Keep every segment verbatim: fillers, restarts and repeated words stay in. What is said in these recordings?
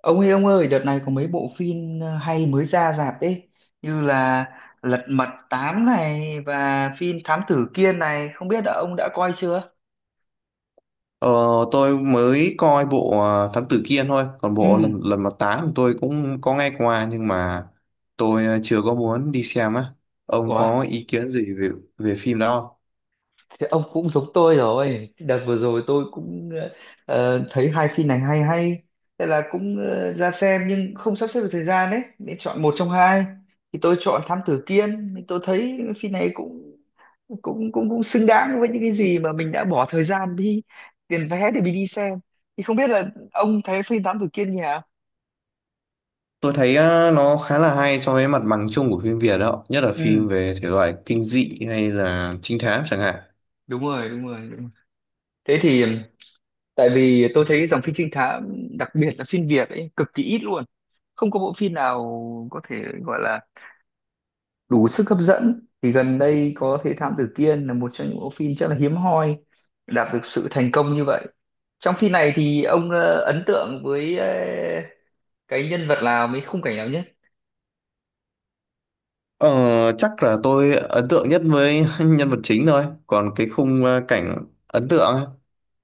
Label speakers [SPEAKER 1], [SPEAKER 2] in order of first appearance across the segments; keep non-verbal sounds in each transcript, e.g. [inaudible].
[SPEAKER 1] Ông ơi ông ơi, đợt này có mấy bộ phim ờ, hay mới ra rạp ấy, như là Lật Mặt tám này và phim Thám Tử Kiên này, không biết là ông đã coi chưa?
[SPEAKER 2] Ờ, tôi mới coi bộ ờ, Thám Tử Kiên thôi, còn bộ
[SPEAKER 1] Ừ.
[SPEAKER 2] lần lần mà tám thì tôi cũng có nghe qua nhưng mà tôi ờ, chưa có muốn đi xem á. Ông
[SPEAKER 1] Ủa?
[SPEAKER 2] có ý kiến gì về về phim đó không?
[SPEAKER 1] Thì ông cũng giống tôi rồi. Đợt vừa rồi tôi cũng ờ, thấy hai phim này hay hay. Thế là cũng ờ, ra xem nhưng không sắp xếp được thời gian đấy. Nên chọn một trong hai. Thì tôi chọn Thám Tử Kiên. Thì Tôi thấy phim này cũng cũng cũng cũng xứng đáng với những cái gì mà mình đã bỏ thời gian đi tiền vé để mình đi xem. Thì không biết là ông thấy phim Thám Tử Kiên nhỉ?
[SPEAKER 2] Tôi thấy ờ, nó khá là hay so với mặt bằng chung của phim Việt đó, nhất là phim
[SPEAKER 1] Ừ,
[SPEAKER 2] về thể loại kinh dị hay là trinh thám chẳng hạn.
[SPEAKER 1] đúng rồi, đúng rồi, đúng rồi. Thế thì tại vì tôi thấy dòng phim trinh thám đặc biệt là phim Việt ấy cực kỳ ít luôn, không có bộ phim nào có thể gọi là đủ sức hấp dẫn. Thì gần đây có thấy Thám Tử Kiên là một trong những bộ phim rất là hiếm hoi đạt được sự thành công như vậy. Trong phim này thì ông ờ, ấn tượng với ờ, cái nhân vật nào, mấy khung cảnh nào nhất?
[SPEAKER 2] Ờ, chắc là tôi ấn tượng nhất với [laughs] nhân vật chính thôi, còn cái khung ờ, cảnh ấn tượng á,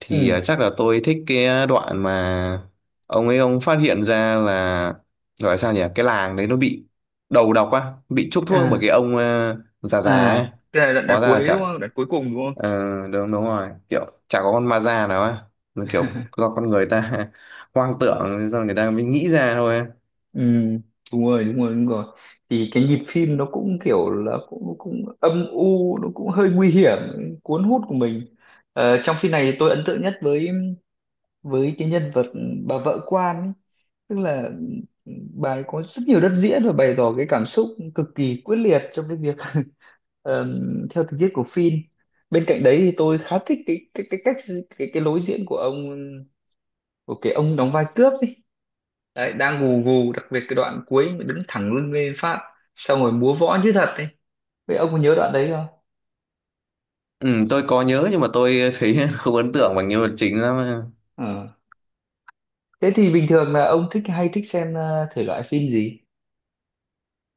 [SPEAKER 2] thì
[SPEAKER 1] Ừ,
[SPEAKER 2] à, chắc là tôi thích cái đoạn mà ông ấy ông phát hiện ra là gọi là sao nhỉ, cái làng đấy nó bị đầu độc á, bị chuốc thuốc bởi
[SPEAKER 1] à,
[SPEAKER 2] cái ông ờ, già già
[SPEAKER 1] à,
[SPEAKER 2] ấy.
[SPEAKER 1] tức là đoạn, đoạn
[SPEAKER 2] Hóa ra là
[SPEAKER 1] cuối
[SPEAKER 2] chả
[SPEAKER 1] đúng không, đoạn cuối cùng đúng không?
[SPEAKER 2] ờ, đúng đúng rồi, kiểu chả có con ma già nào á, là kiểu
[SPEAKER 1] [laughs]
[SPEAKER 2] do con người ta [laughs] hoang tưởng, do người ta mới nghĩ ra thôi.
[SPEAKER 1] Ừ, đúng rồi đúng rồi đúng rồi. Thì cái nhịp phim nó cũng kiểu là cũng nó cũng âm u, nó cũng hơi nguy hiểm, cuốn hút của mình. Ờ, trong phim này tôi ấn tượng nhất với với cái nhân vật bà vợ quan ấy. Tức là, ừ, bà ấy có rất nhiều đất diễn và bày tỏ cái cảm xúc cực kỳ quyết liệt trong cái việc. [laughs] Ờm, theo tình tiết của phim, bên cạnh đấy thì tôi khá thích cái cái cái cách cái cái lối diễn của ông, của cái ông đóng vai cướp ấy. Đấy đang gù gù, đặc biệt cái đoạn cuối mà đứng thẳng lưng lên phát xong rồi múa võ như thật ấy. Vậy ông có nhớ đoạn đấy không?
[SPEAKER 2] Ừ, tôi có nhớ nhưng mà tôi thấy [laughs] không ấn tượng bằng nhân vật chính lắm.
[SPEAKER 1] Ờ. Thế thì bình thường là ông thích hay thích xem ờ, thể loại phim gì?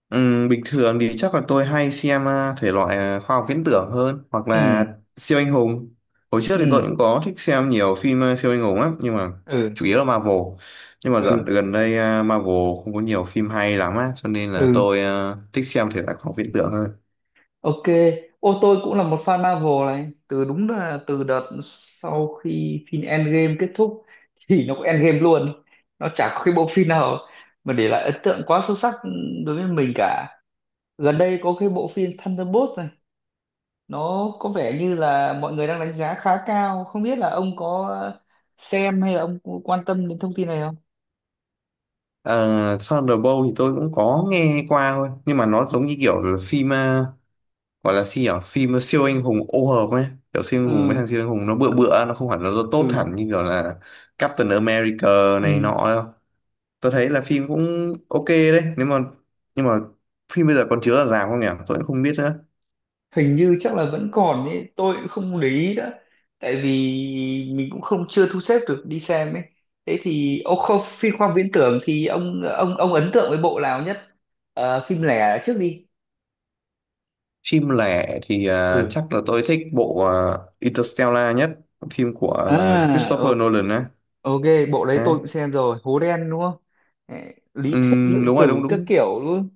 [SPEAKER 2] Ừm, bình thường thì chắc là tôi hay xem à, thể loại à, khoa học viễn tưởng hơn, hoặc
[SPEAKER 1] Ừ,
[SPEAKER 2] là siêu anh hùng. Hồi trước thì tôi
[SPEAKER 1] ừ,
[SPEAKER 2] cũng có thích xem nhiều phim à, siêu anh hùng lắm, nhưng mà
[SPEAKER 1] ừ,
[SPEAKER 2] chủ yếu là Marvel. Nhưng mà dạo
[SPEAKER 1] ừ,
[SPEAKER 2] gần đây à, Marvel không có nhiều phim hay lắm á, cho nên là
[SPEAKER 1] ừ.
[SPEAKER 2] tôi à, thích xem thể loại khoa học viễn tưởng hơn.
[SPEAKER 1] Ok. Ô, tôi cũng là một fan Marvel này, từ đúng là từ đợt sau khi phim Endgame kết thúc. [laughs] Thì nó cũng Endgame luôn, nó chả có cái bộ phim nào mà để lại ấn tượng quá sâu sắc đối với mình cả. Gần đây có cái bộ phim Thunderbolts này, nó có vẻ như là mọi người đang đánh giá khá cao, không biết là ông có xem hay là ông có quan tâm đến thông tin này không?
[SPEAKER 2] Uh, Thunderbolt thì tôi cũng có nghe qua thôi, nhưng mà nó giống như kiểu là phim gọi là gì nhỉ, phim siêu anh hùng ô hợp ấy, kiểu siêu anh hùng, mấy
[SPEAKER 1] Ừ,
[SPEAKER 2] thằng siêu anh hùng nó bựa bựa, nó không hẳn nó tốt
[SPEAKER 1] ừ,
[SPEAKER 2] hẳn như kiểu là Captain America
[SPEAKER 1] ừ.
[SPEAKER 2] này nọ đâu. Tôi thấy là phim cũng ok đấy nếu mà, nhưng mà phim bây giờ còn chiếu ở rạp không nhỉ, tôi cũng không biết nữa.
[SPEAKER 1] Hình như chắc là vẫn còn ấy, tôi cũng không để ý đó. Tại vì mình cũng không, chưa thu xếp được đi xem ấy. Thế thì ông không, phim khoa học viễn tưởng thì ông ông ông ấn tượng với bộ nào nhất? Ờ, phim lẻ trước đi.
[SPEAKER 2] Phim lẻ thì à,
[SPEAKER 1] Ừ,
[SPEAKER 2] chắc là tôi thích bộ à, Interstellar nhất, phim của à,
[SPEAKER 1] à,
[SPEAKER 2] Christopher
[SPEAKER 1] o-
[SPEAKER 2] Nolan ấy.
[SPEAKER 1] ok. Bộ đấy tôi
[SPEAKER 2] Đấy.
[SPEAKER 1] cũng xem rồi, hố đen đúng không? Ê, Lý thuyết
[SPEAKER 2] Ừm,
[SPEAKER 1] lượng
[SPEAKER 2] đúng rồi,
[SPEAKER 1] tử
[SPEAKER 2] đúng
[SPEAKER 1] các
[SPEAKER 2] đúng.
[SPEAKER 1] kiểu luôn.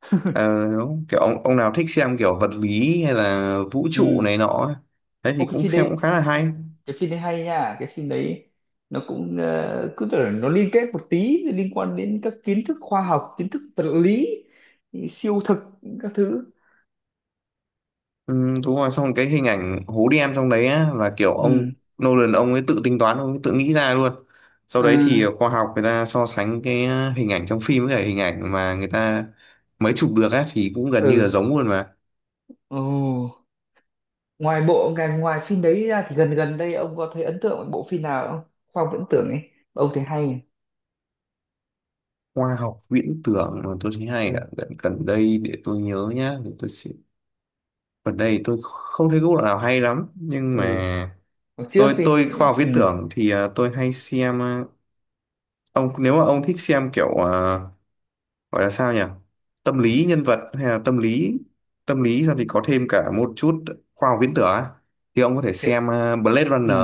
[SPEAKER 1] [laughs]
[SPEAKER 2] Ờ, đúng. Kiểu ông, ông nào thích xem kiểu vật lý hay là vũ trụ
[SPEAKER 1] Ừ.
[SPEAKER 2] này nọ ấy. Đấy
[SPEAKER 1] Ô,
[SPEAKER 2] thì
[SPEAKER 1] cái
[SPEAKER 2] cũng
[SPEAKER 1] phim
[SPEAKER 2] xem
[SPEAKER 1] đấy,
[SPEAKER 2] cũng khá là hay.
[SPEAKER 1] cái phim đấy hay nha cái phim đấy. Nó cũng ờ, cứ tưởng nó liên kết một tí, liên quan đến các kiến thức khoa học, kiến thức vật lý siêu thực các thứ.
[SPEAKER 2] Ừ, đúng rồi, xong cái hình ảnh hố đen trong đấy á, là kiểu
[SPEAKER 1] Ừ,
[SPEAKER 2] ông Nolan, ông ấy tự tính toán, ông ấy tự nghĩ ra luôn. Sau
[SPEAKER 1] à,
[SPEAKER 2] đấy thì khoa học người ta so sánh cái à, hình ảnh trong phim với cả hình ảnh mà người ta mới chụp được á, thì cũng gần như là
[SPEAKER 1] ừ.
[SPEAKER 2] giống luôn mà.
[SPEAKER 1] Ồ, ngoài bộ ngành ngoài phim đấy ra thì gần gần đây ông có thấy ấn tượng với bộ phim nào không, khoa học viễn tưởng ấy mà ông thấy hay?
[SPEAKER 2] Khoa học viễn tưởng mà tôi thấy hay ạ,
[SPEAKER 1] Ừ,
[SPEAKER 2] gần gần đây để tôi nhớ nhá, để tôi sẽ. Gần đây tôi không thấy cái bộ nào hay lắm, nhưng mà
[SPEAKER 1] ừ. Hồi trước
[SPEAKER 2] tôi
[SPEAKER 1] đi.
[SPEAKER 2] tôi khoa học
[SPEAKER 1] Ừ,
[SPEAKER 2] viễn tưởng thì à, tôi hay xem. à, ông nếu mà ông thích xem kiểu à, gọi là sao nhỉ, tâm lý nhân vật hay là tâm lý, tâm lý xong thì có thêm cả một chút khoa học viễn tưởng á, thì ông có thể
[SPEAKER 1] thế-
[SPEAKER 2] xem ờ, Blade
[SPEAKER 1] ừ.
[SPEAKER 2] Runner.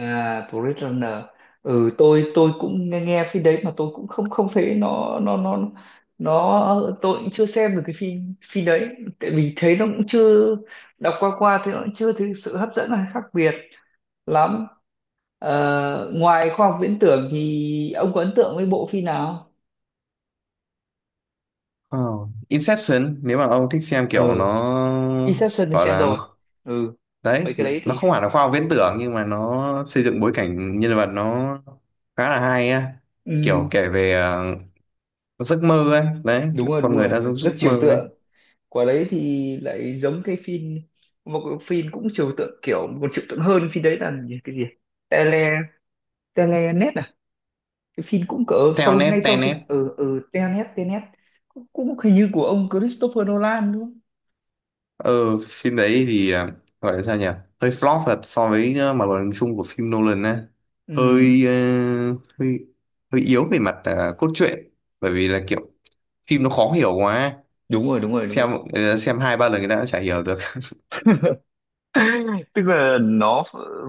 [SPEAKER 1] À, Blade Runner. Ừ, tôi tôi cũng nghe nghe phim đấy mà tôi cũng không không thấy nó nó nó nó tôi cũng chưa xem được cái phim phim đấy. Tại vì thấy nó cũng chưa, đọc qua qua thì nó cũng chưa thấy sự hấp dẫn hay khác biệt lắm. Ờ, ngoài khoa học viễn tưởng thì ông có ấn tượng với bộ phim nào?
[SPEAKER 2] Ờ. Inception, nếu mà ông thích xem kiểu
[SPEAKER 1] Ừ,
[SPEAKER 2] nó
[SPEAKER 1] Inception thì
[SPEAKER 2] gọi
[SPEAKER 1] xem
[SPEAKER 2] là nó,
[SPEAKER 1] rồi. Ừ,
[SPEAKER 2] đấy,
[SPEAKER 1] mấy cái đấy
[SPEAKER 2] nó
[SPEAKER 1] thì
[SPEAKER 2] không hẳn là khoa học viễn tưởng nhưng mà nó xây dựng bối cảnh nhân vật nó khá là hay á, kiểu
[SPEAKER 1] ừ,
[SPEAKER 2] kể về ờ, giấc mơ ấy, đấy,
[SPEAKER 1] đúng
[SPEAKER 2] kiểu
[SPEAKER 1] rồi
[SPEAKER 2] con
[SPEAKER 1] đúng
[SPEAKER 2] người
[SPEAKER 1] rồi,
[SPEAKER 2] đã giống giấc
[SPEAKER 1] rất trừu
[SPEAKER 2] mơ ấy.
[SPEAKER 1] tượng. Quả đấy thì lại giống cái phim, một cái phim cũng trừu tượng, kiểu một trừu tượng hơn, phim đấy là gì- cái gì, tele telenet à, cái phim cũng cỡ
[SPEAKER 2] Theo
[SPEAKER 1] sau ngay
[SPEAKER 2] nét,
[SPEAKER 1] sau
[SPEAKER 2] tenet,
[SPEAKER 1] sự- ở ở telenet telenet cũng, cũng hình như của ông Christopher Nolan đúng không?
[SPEAKER 2] ừ, phim đấy thì à, gọi là sao nhỉ, hơi flop là so với ờ, mặt bằng chung của phim Nolan á,
[SPEAKER 1] Ừ,
[SPEAKER 2] hơi ờ, hơi hơi yếu về mặt à, cốt truyện, bởi vì là kiểu phim nó khó hiểu quá,
[SPEAKER 1] đúng rồi đúng rồi đúng
[SPEAKER 2] xem
[SPEAKER 1] rồi.
[SPEAKER 2] ờ, xem hai ba lần người ta đã chả hiểu được.
[SPEAKER 1] [laughs] Tức là nó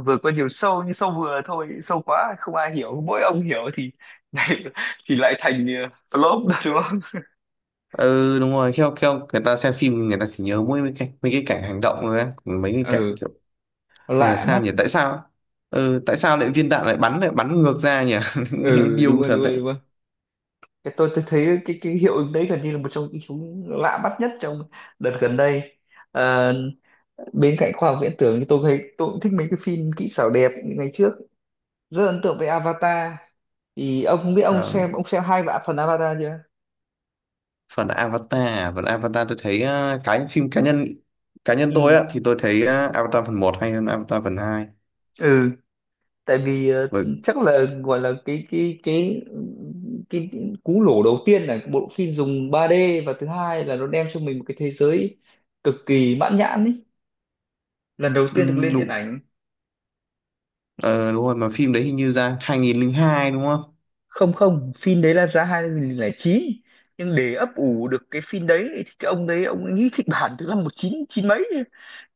[SPEAKER 1] vừa có chiều sâu, nhưng sâu vừa thôi, sâu quá không ai hiểu, mỗi ông hiểu thì [laughs] thì lại thành ờ, flop đó đúng không?
[SPEAKER 2] [laughs] Ừ, đúng rồi, theo theo người ta xem phim người ta chỉ nhớ mỗi mấy cái mấy cái cảnh hành động thôi á, còn mấy cái cảnh
[SPEAKER 1] Ừ,
[SPEAKER 2] kiểu gọi là
[SPEAKER 1] lạ
[SPEAKER 2] sao
[SPEAKER 1] mắt.
[SPEAKER 2] nhỉ, tại sao, ừ, tại sao lại viên đạn lại bắn lại bắn ngược ra nhỉ. [laughs] Nghe
[SPEAKER 1] Ừ, đúng
[SPEAKER 2] điêu
[SPEAKER 1] rồi
[SPEAKER 2] thật
[SPEAKER 1] đúng
[SPEAKER 2] đấy.
[SPEAKER 1] rồi đúng rồi, cái tôi tôi thấy cái cái hiệu ứng đấy gần như là một trong những chúng lạ bắt nhất trong đợt gần đây. Ờ, bên cạnh khoa học viễn tưởng thì tôi thấy tôi cũng thích mấy cái phim kỹ xảo đẹp, những ngày trước rất ấn tượng với Avatar. Thì ông không biết ông
[SPEAKER 2] Ờ.
[SPEAKER 1] xem ông xem hai vạn phần Avatar chưa?
[SPEAKER 2] Phần Avatar à? Phần Avatar tôi thấy ờ, cái phim cá nhân cá nhân tôi
[SPEAKER 1] Ừ,
[SPEAKER 2] á thì tôi thấy ờ, Avatar phần một hay hơn Avatar phần hai,
[SPEAKER 1] ừ. Tại vì, ờ,
[SPEAKER 2] bởi
[SPEAKER 1] chắc là gọi là cái cái cái cái cú lổ đầu tiên là bộ phim dùng ba D, và thứ hai là nó đem cho mình một cái thế giới cực kỳ mãn nhãn ý, lần đầu tiên được
[SPEAKER 2] ừm,
[SPEAKER 1] lên điện
[SPEAKER 2] đúng,
[SPEAKER 1] ảnh.
[SPEAKER 2] ờ, đúng rồi, mà phim đấy hình như ra hai không không hai đúng không.
[SPEAKER 1] Không, không, phim đấy là ra hai nghìn lẻ chín. Nhưng để ấp ủ được cái phim đấy thì cái ông đấy ông ấy nghĩ kịch bản từ năm một chín chín mấy,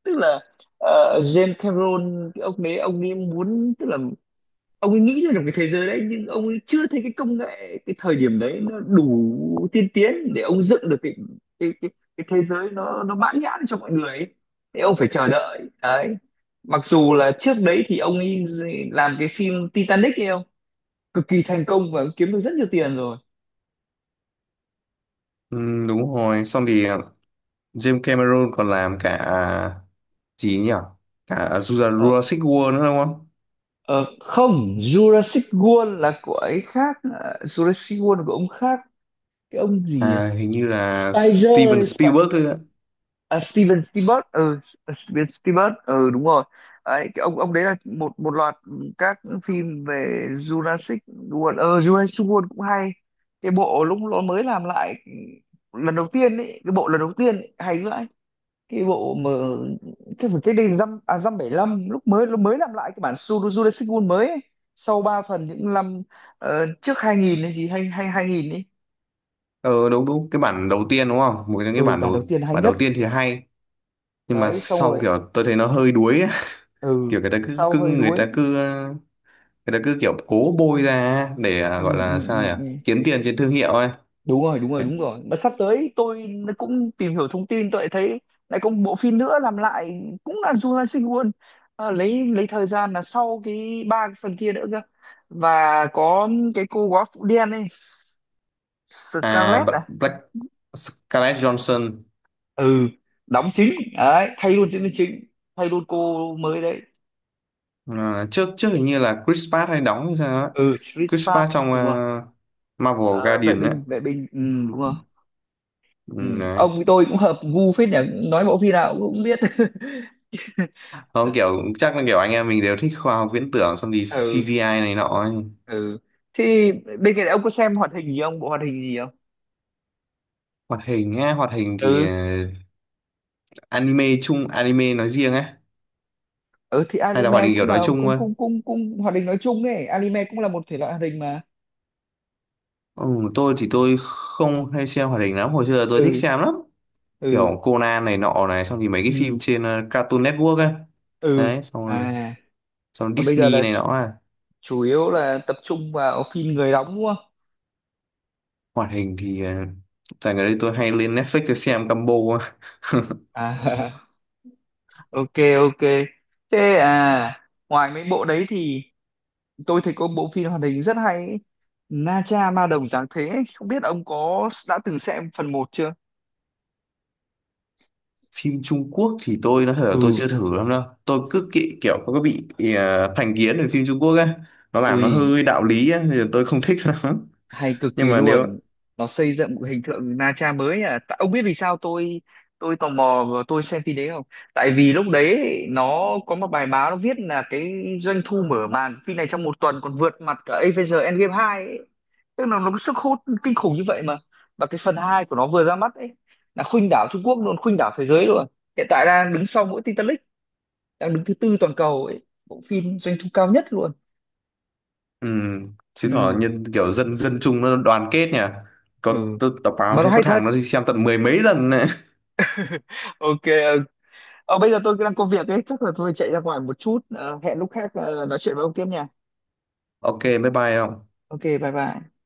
[SPEAKER 1] tức là, ờ, James Cameron cái ông đấy ông ấy muốn, tức là ông ấy nghĩ ra được cái thế giới đấy nhưng ông ấy chưa thấy cái công nghệ cái thời điểm đấy nó đủ tiên tiến để ông dựng được cái cái cái, cái thế giới, nó nó mãn nhãn cho mọi người ấy. Thế ông phải chờ đợi đấy, mặc dù là trước đấy thì ông ấy làm cái phim Titanic ấy không, cực kỳ thành công và kiếm được rất nhiều tiền rồi.
[SPEAKER 2] Ừm, đúng rồi, xong thì ờ, James Cameron còn làm cả à, gì nhỉ, cả Jura-
[SPEAKER 1] Ờ,
[SPEAKER 2] Jurassic World nữa đúng không.
[SPEAKER 1] ờ, không, Jurassic World là của ấy khác, à, Jurassic World là của ông khác, cái ông gì nhỉ?
[SPEAKER 2] à, hình như là Steven
[SPEAKER 1] Spider Sp
[SPEAKER 2] Spielberg ấy ạ.
[SPEAKER 1] À, Steven
[SPEAKER 2] S-
[SPEAKER 1] Spielberg, ừ, S- Steven Spielberg, ừ đúng rồi. Ấy cái ông ông đấy là một một loạt các phim về Jurassic World. ờ Jurassic World cũng hay, cái bộ lúc nó mới làm lại lần đầu tiên ấy, cái bộ lần đầu tiên ấy, hay vãi cái bộ mà cái phần cái đây dăm à dăm bảy lăm, lúc mới lúc mới làm lại cái bản Suru Jurassic World mới ấy. Sau ba phần những năm ờ, trước hai nghìn hay gì hay hay hai nghìn ấy.
[SPEAKER 2] ờ đúng đúng, cái bản đầu tiên đúng không, một trong cái
[SPEAKER 1] Ừ,
[SPEAKER 2] bản
[SPEAKER 1] bản
[SPEAKER 2] đầu,
[SPEAKER 1] đầu tiên hay
[SPEAKER 2] bản đầu
[SPEAKER 1] nhất.
[SPEAKER 2] tiên thì hay, nhưng mà
[SPEAKER 1] Đấy xong
[SPEAKER 2] sau
[SPEAKER 1] rồi,
[SPEAKER 2] kiểu tôi thấy nó hơi đuối ấy.
[SPEAKER 1] ừ,
[SPEAKER 2] Kiểu người ta cứ,
[SPEAKER 1] sau
[SPEAKER 2] cứ
[SPEAKER 1] hơi
[SPEAKER 2] người
[SPEAKER 1] đuối.
[SPEAKER 2] ta cứ ờ, người ta cứ kiểu cố bôi ra để ờ,
[SPEAKER 1] Ừ,
[SPEAKER 2] gọi
[SPEAKER 1] ừ,
[SPEAKER 2] là sao nhỉ,
[SPEAKER 1] ừ, ừ.
[SPEAKER 2] kiếm tiền trên thương hiệu ấy.
[SPEAKER 1] Đúng rồi đúng rồi đúng rồi, mà sắp tới tôi cũng tìm hiểu thông tin, tôi lại thấy lại có một bộ phim nữa làm lại cũng là Jurassic World. Ờ, lấy lấy thời gian là sau cái ba cái phần kia nữa cơ, và có cái cô góa phụ đen ấy,
[SPEAKER 2] à
[SPEAKER 1] Scarlett
[SPEAKER 2] B-
[SPEAKER 1] à?
[SPEAKER 2] Black, Scarlett Johansson.
[SPEAKER 1] Ừ, đóng chính đấy, thay luôn diễn viên chính, thay luôn cô mới đấy.
[SPEAKER 2] Ờ, trước trước hình như là Chris Pratt hay đóng hay sao ấy.
[SPEAKER 1] Ừ, Chris
[SPEAKER 2] Chris
[SPEAKER 1] Pratt
[SPEAKER 2] Pratt trong ờ,
[SPEAKER 1] đúng rồi.
[SPEAKER 2] Marvel
[SPEAKER 1] Ờ, vệ
[SPEAKER 2] Guardian ấy.
[SPEAKER 1] binh vệ binh, ừ, đúng rồi. Ừ.
[SPEAKER 2] Ừ, đấy.
[SPEAKER 1] Ông với tôi cũng hợp gu phết nhỉ, nói bộ phim nào cũng biết.
[SPEAKER 2] Không, kiểu chắc là kiểu anh em mình đều thích khoa học viễn tưởng, xong thì
[SPEAKER 1] [laughs] Ừ,
[SPEAKER 2] xê giê i này nọ ấy.
[SPEAKER 1] ừ. Thì bên cạnh đấy ông có xem hoạt hình gì không, bộ hoạt hình gì không?
[SPEAKER 2] Hoạt hình á, hoạt hình thì
[SPEAKER 1] Ừ,
[SPEAKER 2] ờ, anime chung, anime nói riêng á,
[SPEAKER 1] ừ. Thì
[SPEAKER 2] hay là hoạt
[SPEAKER 1] anime
[SPEAKER 2] hình kiểu
[SPEAKER 1] cũng
[SPEAKER 2] nói
[SPEAKER 1] là
[SPEAKER 2] chung
[SPEAKER 1] cũng
[SPEAKER 2] thôi.
[SPEAKER 1] cũng cũng cũng hoạt hình nói chung ấy, anime cũng là một thể loại hoạt hình mà.
[SPEAKER 2] Ừ, tôi thì tôi không hay xem hoạt hình lắm, hồi xưa tôi thích
[SPEAKER 1] Ừ,
[SPEAKER 2] xem lắm,
[SPEAKER 1] ừ,
[SPEAKER 2] kiểu Conan này nọ này, xong thì mấy cái
[SPEAKER 1] ừ,
[SPEAKER 2] phim trên ờ, Cartoon Network ấy.
[SPEAKER 1] ừ.
[SPEAKER 2] Đấy, xong rồi
[SPEAKER 1] À,
[SPEAKER 2] xong
[SPEAKER 1] còn bây giờ
[SPEAKER 2] Disney
[SPEAKER 1] là
[SPEAKER 2] này nọ à.
[SPEAKER 1] chủ yếu là tập trung vào phim người đóng đúng không?
[SPEAKER 2] Hoạt hình thì ờ, dạo gần đây tôi hay lên Netflix tôi xem combo.
[SPEAKER 1] À, [laughs] ok, ok, thế à. Ngoài mấy bộ đấy thì tôi thấy có bộ phim hoạt hình rất hay ấy. Na Cha Ma Đồng Giáng Thế ấy. Không biết ông có đã từng xem phần một chưa?
[SPEAKER 2] Phim Trung Quốc thì tôi nói thật là tôi
[SPEAKER 1] Ừ,
[SPEAKER 2] chưa thử lắm đâu, tôi cứ kỹ, kiểu có bị ờ, thành kiến về phim Trung Quốc á, nó làm nó
[SPEAKER 1] ui,
[SPEAKER 2] hơi đạo lý á thì tôi không thích [laughs] lắm,
[SPEAKER 1] hay cực
[SPEAKER 2] nhưng
[SPEAKER 1] kỳ
[SPEAKER 2] mà nếu.
[SPEAKER 1] luôn. Nó xây dựng một hình tượng Na Tra mới. À, Tại- ông biết vì sao tôi tôi tò mò và tôi xem phim đấy không? Tại vì lúc đấy nó có một bài báo nó viết là cái doanh thu mở màn phim này trong một tuần còn vượt mặt cả Avengers Endgame hai, ấy. Tức là nó có sức hút kinh khủng như vậy mà, và cái phần hai của nó vừa ra mắt ấy là khuynh đảo Trung Quốc luôn, khuynh đảo thế giới luôn. Hiện tại đang đứng sau mỗi Titanic, đang đứng thứ tư toàn cầu ấy, bộ phim doanh thu cao nhất luôn.
[SPEAKER 2] Ừ, chứ thỏ
[SPEAKER 1] Ừ,
[SPEAKER 2] nhân kiểu dân dân chúng nó đoàn kết nhỉ. Có
[SPEAKER 1] ừ,
[SPEAKER 2] t- tập báo
[SPEAKER 1] mà nó
[SPEAKER 2] thấy có
[SPEAKER 1] hay
[SPEAKER 2] thằng
[SPEAKER 1] thật.
[SPEAKER 2] nó đi xem tận mười mấy lần này.
[SPEAKER 1] [laughs] Ok. Ờ, bây giờ tôi đang có việc ấy, chắc là tôi chạy ra ngoài một chút, ờ, hẹn lúc khác ờ, nói chuyện với ông tiếp nha.
[SPEAKER 2] [laughs] Ok, bye bye không?
[SPEAKER 1] Ok, bye bye.